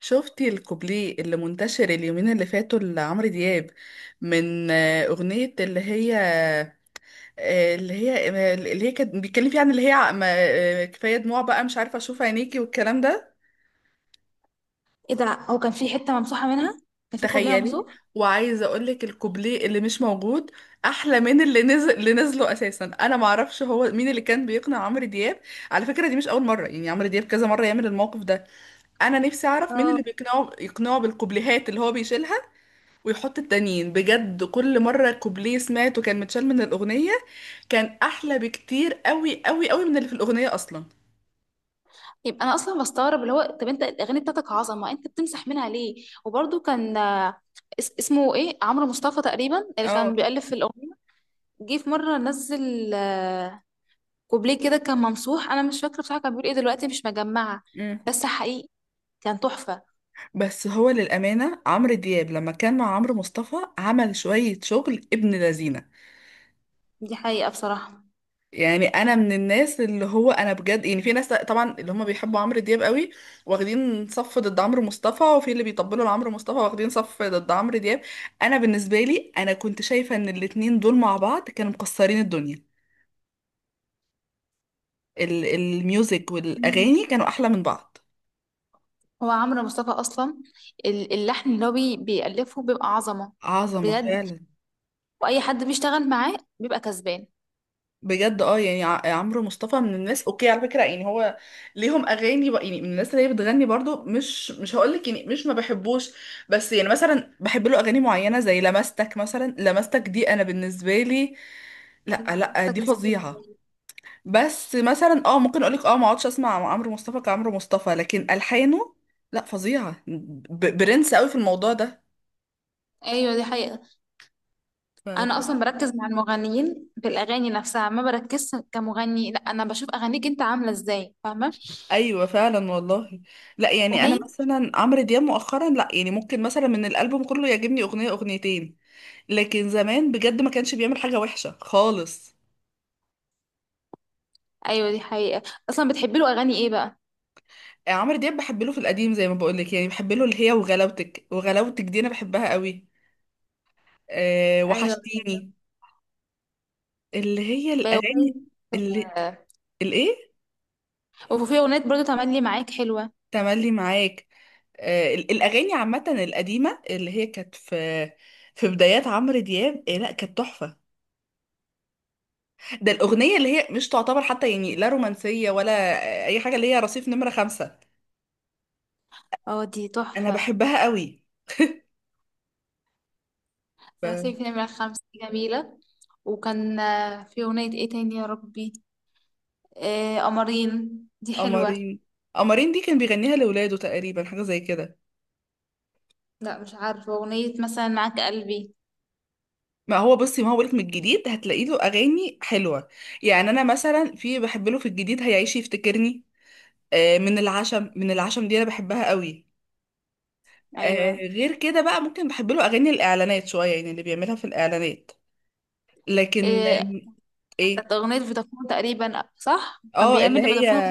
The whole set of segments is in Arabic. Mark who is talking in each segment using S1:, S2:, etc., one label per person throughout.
S1: شفتي الكوبليه اللي منتشر اليومين اللي فاتوا لعمرو دياب من أغنية اللي هي كانت بيتكلم فيها عن اللي هي كفاية دموع بقى مش عارفة أشوف عينيكي والكلام ده.
S2: ايه ده؟ هو كان في حته ممسوحه منها. كان في كوبليه
S1: تخيلي،
S2: ممسوح.
S1: وعايزة أقولك الكوبليه اللي مش موجود أحلى من اللي نزل، اللي نزله أساسا. أنا معرفش هو مين اللي كان بيقنع عمرو دياب. على فكرة دي مش أول مرة، يعني عمرو دياب كذا مرة يعمل الموقف ده. أنا نفسي أعرف مين
S2: اه،
S1: اللي بيقنعه يقنعه بالكوبليهات اللي هو بيشيلها ويحط التانيين. بجد كل مرة كوبليه سمعته كان متشال من الأغنية، كان أحلى بكتير قوي قوي قوي من اللي في الأغنية أصلا.
S2: يبقى انا اصلا بستغرب، اللي هو طب انت الاغاني بتاعتك عظمه، انت بتمسح منها ليه؟ وبرده كان اسمه ايه؟ عمرو مصطفى تقريبا اللي
S1: اه.
S2: كان بيألف في الاغنيه. جه في مره نزل كوبليه كده كان ممسوح. انا مش فاكره بصراحه، كان بيقول ايه دلوقتي، مش مجمعه.
S1: مم.
S2: بس حقيقي كان تحفه.
S1: بس هو للأمانة عمرو دياب لما كان مع عمرو مصطفى عمل شوية شغل ابن لذينة.
S2: دي حقيقه بصراحه.
S1: يعني أنا من الناس اللي هو، أنا بجد، يعني في ناس طبعا اللي هم بيحبوا عمرو دياب قوي، واخدين صف ضد عمرو مصطفى، وفي اللي بيطبلوا لعمرو مصطفى واخدين صف ضد عمرو دياب. أنا بالنسبة لي أنا كنت شايفة إن الاتنين دول مع بعض كانوا مكسرين الدنيا. الميوزك
S2: مم.
S1: والاغاني كانوا احلى من بعض.
S2: هو عمرو مصطفى اصلا، اللحن اللي هو بيألفه بيبقى عظمه،
S1: عظمه
S2: بجد.
S1: فعلا،
S2: واي حد بيشتغل معاه بيبقى كسبان.
S1: بجد. اه يعني عمرو مصطفى من الناس اوكي على فكره، يعني هو ليهم اغاني يعني من الناس اللي هي بتغني برضو، مش هقول لك يعني مش ما بحبوش. بس يعني مثلا بحب له اغاني معينه زي لمستك. مثلا لمستك دي انا بالنسبه لي، لا لا،
S2: منصتك
S1: دي
S2: نسيت
S1: فظيعه.
S2: الحنين.
S1: بس مثلا اه ممكن اقول لك اه ما اقعدش اسمع عمرو مصطفى كعمرو مصطفى، لكن الحانه لا فظيعه. برنس قوي في الموضوع
S2: ايوه دي حقيقة.
S1: ده.
S2: انا اصلا بركز مع المغنيين في الاغاني نفسها، ما بركزش كمغني. لا انا بشوف اغانيك انت عاملة ازاي، فاهمة؟
S1: ايوه فعلا والله. لا يعني انا
S2: اغنية.
S1: مثلا عمرو دياب مؤخرا لا يعني ممكن مثلا من الالبوم كله يعجبني اغنيه اغنيتين، لكن زمان بجد ما كانش بيعمل حاجه وحشه خالص.
S2: ايوه دي حقيقة. اصلا بتحبي له اغاني ايه بقى؟
S1: عمرو دياب بحب له في القديم زي ما بقول لك، يعني بحب له اللي هي وغلاوتك. وغلاوتك دي انا بحبها قوي. أه،
S2: ايوه
S1: وحشتيني، اللي هي
S2: بأغنية
S1: الاغاني، اللي
S2: آه،
S1: الايه،
S2: وفي اغنية برضو تملي معاك حلوة.
S1: تملي معاك. أه الاغاني عامه القديمه اللي هي كانت في في بدايات عمرو دياب إيه، لا كانت تحفه. ده الأغنية اللي هي مش تعتبر حتى يعني لا رومانسية ولا أي حاجة، اللي هي رصيف نمرة خمسة.
S2: اه دي
S1: أنا
S2: تحفة.
S1: بحبها قوي. ب-
S2: رصيف نمرة خمسة دي جميلة. وكان في اغنية ايه تاني يا ربي؟ قمرين دي حلوة.
S1: قمرين. قمرين دي كان بيغنيها لولاده تقريبا، حاجة زي كده.
S2: لا مش عارفة، اغنية مثلا معاك قلبي.
S1: ما هو بصي، ما هو بقولك من الجديد هتلاقي له أغاني حلوة. يعني أنا مثلا في بحب له في الجديد هيعيش يفتكرني. من العشم، من العشم دي أنا بحبها قوي.
S2: ايوه.
S1: غير كده بقى ممكن بحب له أغاني الإعلانات شوية، يعني اللي بيعملها في الإعلانات. لكن
S2: آه،
S1: إيه.
S2: كانت أغنية فودافون تقريبا، صح؟ كان
S1: اه
S2: بيعمل
S1: اللي هي
S2: لفودافون.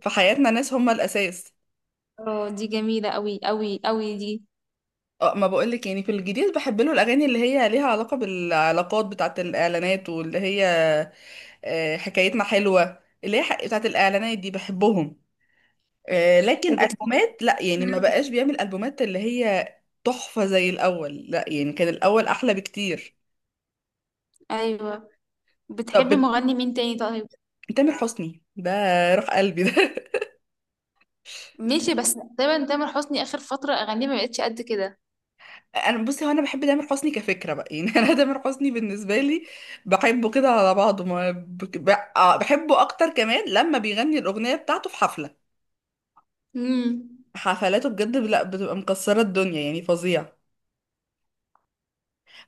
S1: في حياتنا ناس هم الاساس.
S2: اه دي جميلة أوي أوي أوي دي.
S1: اه، ما بقولك يعني في الجديد بحب له الاغاني اللي هي ليها علاقه بالعلاقات بتاعه الاعلانات واللي هي حكايتنا حلوه، اللي هي بتاعه الاعلانات. دي بحبهم. لكن
S2: وبت...
S1: البومات لا، يعني ما بقاش بيعمل البومات اللي هي تحفه زي الاول، لا يعني كان الاول احلى بكتير.
S2: أيوة.
S1: طب
S2: بتحبي مغني مين تاني طيب؟
S1: تامر حسني ده، روح قلبي ده
S2: ماشي، بس تقريبا تامر حسني آخر فترة أغانيه ما بقتش قد كده.
S1: انا بصي، هو انا بحب تامر حسني كفكره بقى يعني انا تامر حسني بالنسبه لي بحبه كده على بعضه. ما بك- ب- آه، بحبه اكتر كمان لما بيغني الاغنيه بتاعته في حفله.
S2: امم
S1: حفلاته بجد لا، بتبقى مكسره الدنيا يعني، فظيع.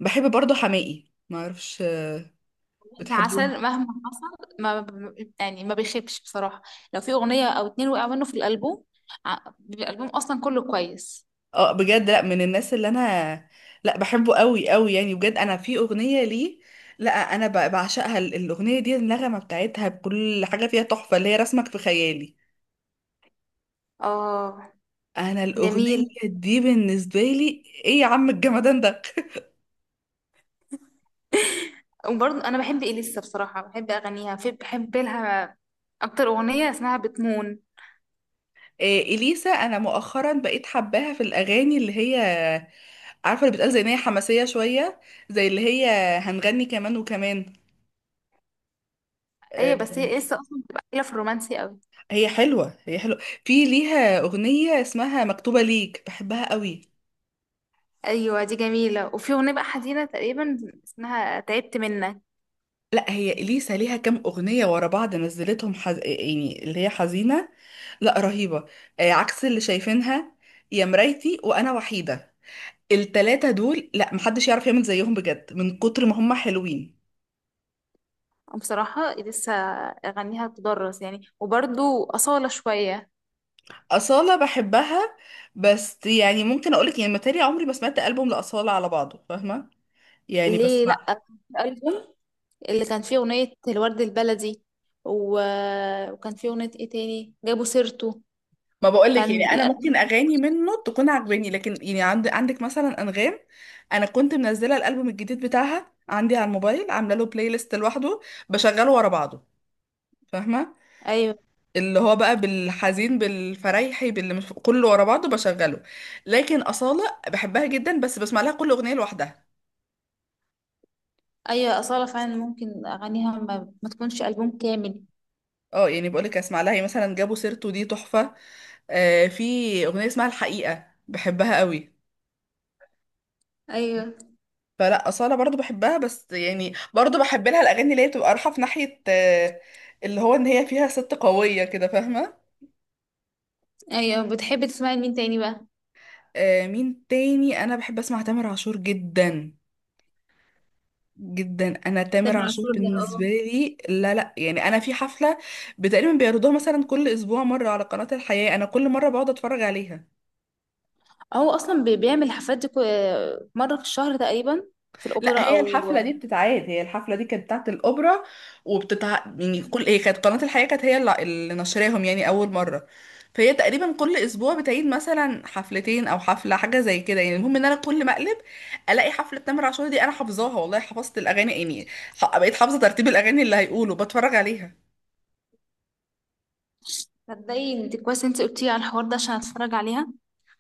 S1: بحب برضه حماقي، ما اعرفش، بتحبيه؟
S2: عسل، مهما حصل ما ب- يعني ما بيخيبش بصراحة. لو في أغنية أو اتنين وقع منه في الألبوم، بيبقى الألبوم أصلا كله كويس.
S1: اه بجد، لا من الناس اللي انا، لا بحبه قوي قوي يعني بجد. انا في اغنيه ليه، لا انا بعشقها. الاغنيه دي النغمه بتاعتها بكل حاجه فيها تحفه، اللي هي رسمك في خيالي.
S2: اه.
S1: انا الاغنيه
S2: جميل.
S1: دي بالنسبه لي ايه يا عم الجمدان ده
S2: وبرضه انا بحب اليسا، بصراحه بحب اغانيها، في بحب لها اكتر اغنيه اسمها بتمون.
S1: إيه، اليسا انا مؤخرا بقيت حباها في الاغاني اللي هي، عارفه اللي بتقال زي ان هي حماسيه شويه، زي اللي هي هنغني كمان وكمان.
S2: ايوه
S1: آه،
S2: بس هي لسه اصلا بتبقى قليله في الرومانسي قوي.
S1: هي حلوه هي حلوه. في ليها اغنيه اسمها مكتوبه ليك، بحبها قوي.
S2: ايوه دي جميله، وفي اغنيه بقى حزينه تقريبا اسمها تعبت منك.
S1: لا هي اليسا ليها كام اغنيه ورا بعض نزلتهم يعني اللي هي حزينه، لا رهيبه. عكس اللي شايفينها، يا مرايتي، وانا وحيده، التلاتة دول لا محدش يعرف يعمل زيهم بجد من كتر ما هم حلوين.
S2: بصراحه لسه اغانيها تدرس يعني. وبرضه اصاله شويه.
S1: أصالة بحبها، بس يعني ممكن أقولك يعني متهيألي عمري ما سمعت ألبوم لأصالة على بعضه، فاهمة؟ يعني
S2: ليه
S1: بسمع ما
S2: لا؟ الالبوم اللي كان فيه اغنيه الورد البلدي، و... وكان فيه اغنيه ايه تاني، جابوا سيرته.
S1: ما بقولك
S2: كان
S1: يعني أنا ممكن
S2: الالبوم.
S1: أغاني منه تكون عجباني، لكن يعني عندك مثلا أنغام، أنا كنت منزلة الألبوم الجديد بتاعها عندي على الموبايل، عاملة له بلاي ليست لوحده، بشغله ورا بعضه، فاهمة؟
S2: ايوه.
S1: اللي هو بقى بالحزين بالفريحي باللي مش كله ورا بعضه بشغله. لكن أصالة بحبها جدا، بس بسمع لها كل أغنية لوحدها.
S2: ايوه اصاله فعلا ممكن اغانيها ما تكونش البوم كامل.
S1: اه يعني بقولك اسمع لها، يعني مثلا جابوا سيرته دي تحفة. آه، في أغنية اسمها الحقيقة بحبها قوي.
S2: ايوه.
S1: فلا أصالة برضو بحبها، بس يعني برضو بحب لها الأغاني اللي هي بتبقى رايحة في ناحية آه، اللي هو إن هي فيها ست قوية كده، فاهمة؟
S2: ايوه بتحبي تسمعي لمين تاني بقى؟
S1: آه، مين تاني؟ أنا بحب أسمع تامر عاشور جدا جدا. انا تامر
S2: تامر
S1: عاشور
S2: عاشور ده؟
S1: بالنسبه لي لا لا يعني. انا في حفله تقريبا بيعرضوها مثلا كل اسبوع مره على قناه الحياه، انا كل مره بقعد اتفرج عليها.
S2: اه هو اصلا بيعمل حفلات، دي مره في الشهر تقريبا، في الاوبرا
S1: لا هي
S2: او.
S1: الحفله دي بتتعاد، هي الحفله دي كانت بتاعت الاوبرا، وبتتع يعني كل، هي كانت قناه الحياه كانت هي اللي نشراهم يعني اول مره. فهي تقريبا كل اسبوع بتعيد مثلا حفلتين او حفله، حاجه زي كده. يعني المهم ان انا كل ما اقلب الاقي حفله تامر عاشور دي. انا حافظاها والله، حفظت الاغاني يعني. بقيت حافظه ترتيب الاغاني اللي هيقولوا، بتفرج عليها.
S2: تصدقي انت كويس انت قلتي على الحوار ده عشان اتفرج عليها.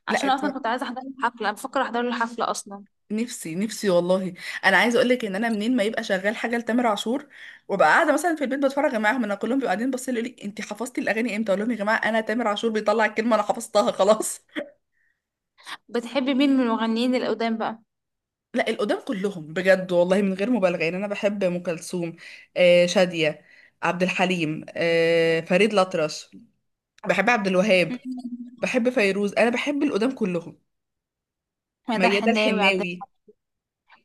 S1: لا،
S2: عشان اصلا كنت عايزه احضر له حفله، بفكر احضر له حفله اصلا.
S1: نفسي نفسي والله. انا عايزه اقول لك ان انا منين ما يبقى شغال حاجه لتامر عاشور وابقى قاعده مثلا في البيت بتفرج معاهم. انا كلهم بيبقوا قاعدين باصين يقولوا لي انت حفظتي الاغاني امتى؟ اقول لهم يا جماعه انا تامر عاشور بيطلع الكلمه انا حفظتها خلاص.
S2: بتحبي مين من المغنيين القدام بقى؟
S1: لا القدام كلهم بجد والله من غير مبالغه. يعني انا بحب ام كلثوم، آه شاديه، عبد الحليم، آه فريد الأطرش، بحب عبد الوهاب، بحب فيروز. انا بحب القدام كلهم،
S2: مدى
S1: ميادة
S2: الحناوي، عبد
S1: الحناوي،
S2: الحليم،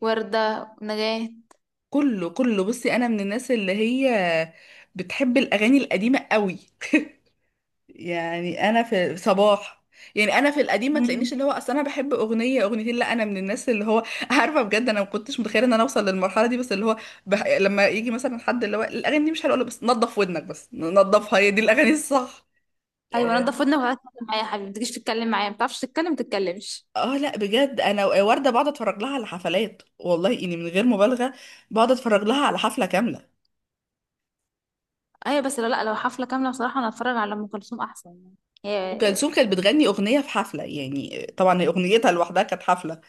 S2: وردة، نجاة.
S1: كله كله. بصي، انا من الناس اللي هي بتحب الاغاني القديمه قوي. يعني انا في صباح، يعني انا في القديم ما
S2: مم.
S1: تلاقينيش اللي هو اصل انا بحب اغنيه اغنيتين، لا انا من الناس اللي هو عارفه بجد انا ما كنتش متخيله ان انا اوصل للمرحله دي. بس اللي هو لما يجي مثلا حد اللي هو الاغاني دي مش حلوه، أقول له بس نظف ودنك، بس نظفها، هي دي الاغاني الصح.
S2: ايوه
S1: اه.
S2: نضف ودنك وتعالى اتكلم معايا يا حبيبي، ما تجيش تتكلم معايا ما بتعرفش تتكلم، ما تتكلمش.
S1: لا بجد، انا ورده بقعد اتفرج لها على حفلات، والله اني من غير مبالغه بقعد اتفرج لها على حفله كامله.
S2: ايوه بس لا، لو حفله كامله بصراحه انا اتفرج على ام كلثوم احسن يعني،
S1: ام
S2: هي.
S1: كلثوم كانت بتغني اغنيه في حفله، يعني طبعا هي اغنيتها لوحدها كانت حفله.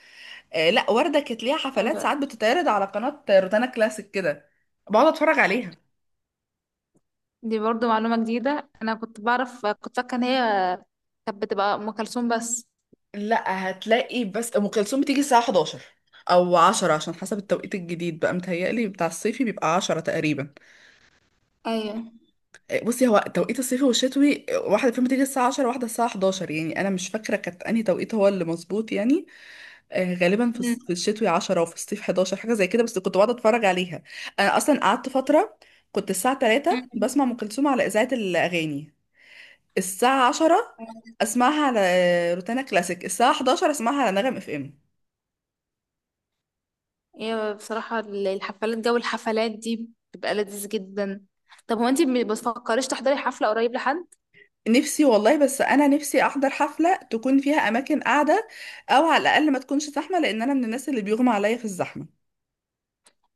S1: آه لا، وردة كانت ليها حفلات
S2: ايوه
S1: ساعات بتتعرض على قناة روتانا كلاسيك كده، بقعد اتفرج عليها.
S2: دي برضو معلومه جديده، انا كنت بعرف، كنت فاكره ان هي كانت بتبقى ام كلثوم بس.
S1: لا هتلاقي بس ام كلثوم بتيجي الساعه 11 او عشرة، عشان حسب التوقيت الجديد بقى متهيألي بتاع الصيفي بيبقى عشرة تقريبا.
S2: ايوه.
S1: بصي، هو توقيت الصيفي والشتوي واحدة فيهم بتيجي الساعة 10، واحدة الساعة 11، يعني أنا مش فاكرة كانت أنهي توقيت هو اللي مظبوط يعني. غالبا
S2: مم.
S1: في الشتوي 10 وفي الصيف 11، حاجة زي كده. بس كنت بقعد أتفرج عليها. أنا أصلا قعدت فترة كنت الساعة 3 بسمع
S2: مم.
S1: أم كلثوم على إذاعة الأغاني، الساعة 10 أسمعها على روتانا كلاسيك، الساعة 11 أسمعها على نغم FM.
S2: هي بصراحه الحفلات، جو الحفلات دي بتبقى لذيذ جدا. طب هو انتي ما بتفكريش تحضري حفله قريب لحد؟
S1: نفسي والله، بس أنا نفسي أحضر حفلة تكون فيها أماكن قاعدة، أو على الأقل ما تكونش زحمة، لأن أنا من الناس اللي بيغمى عليا في الزحمة.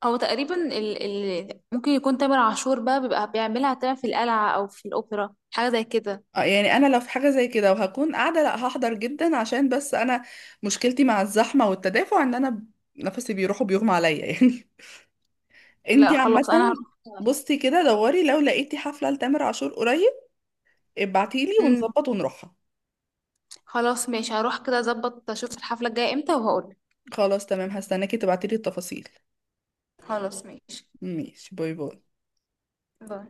S2: هو تقريبا ممكن يكون تامر عاشور بقى بيبقى بيعملها تمام في القلعه او في الاوبرا حاجه زي كده.
S1: يعني أنا لو في حاجة زي كده وهكون قاعدة، لأ هحضر جدا. عشان بس أنا مشكلتي مع الزحمة والتدافع إن أنا نفسي بيروح وبيغمى عليا يعني.
S2: لا
S1: انتي
S2: خلاص، انا
S1: عامة بصي كده دوري، لو لقيتي حفلة لتامر عاشور قريب ابعتيلي
S2: هروح.
S1: ونظبط ونروحها.
S2: خلاص ماشي، هروح كده، اظبط اشوف الحفلة الجاية امتى وهقولك.
S1: خلاص تمام، هستناكي تبعتيلي التفاصيل.
S2: خلاص ماشي.
S1: ماشي، باي باي.
S2: باي.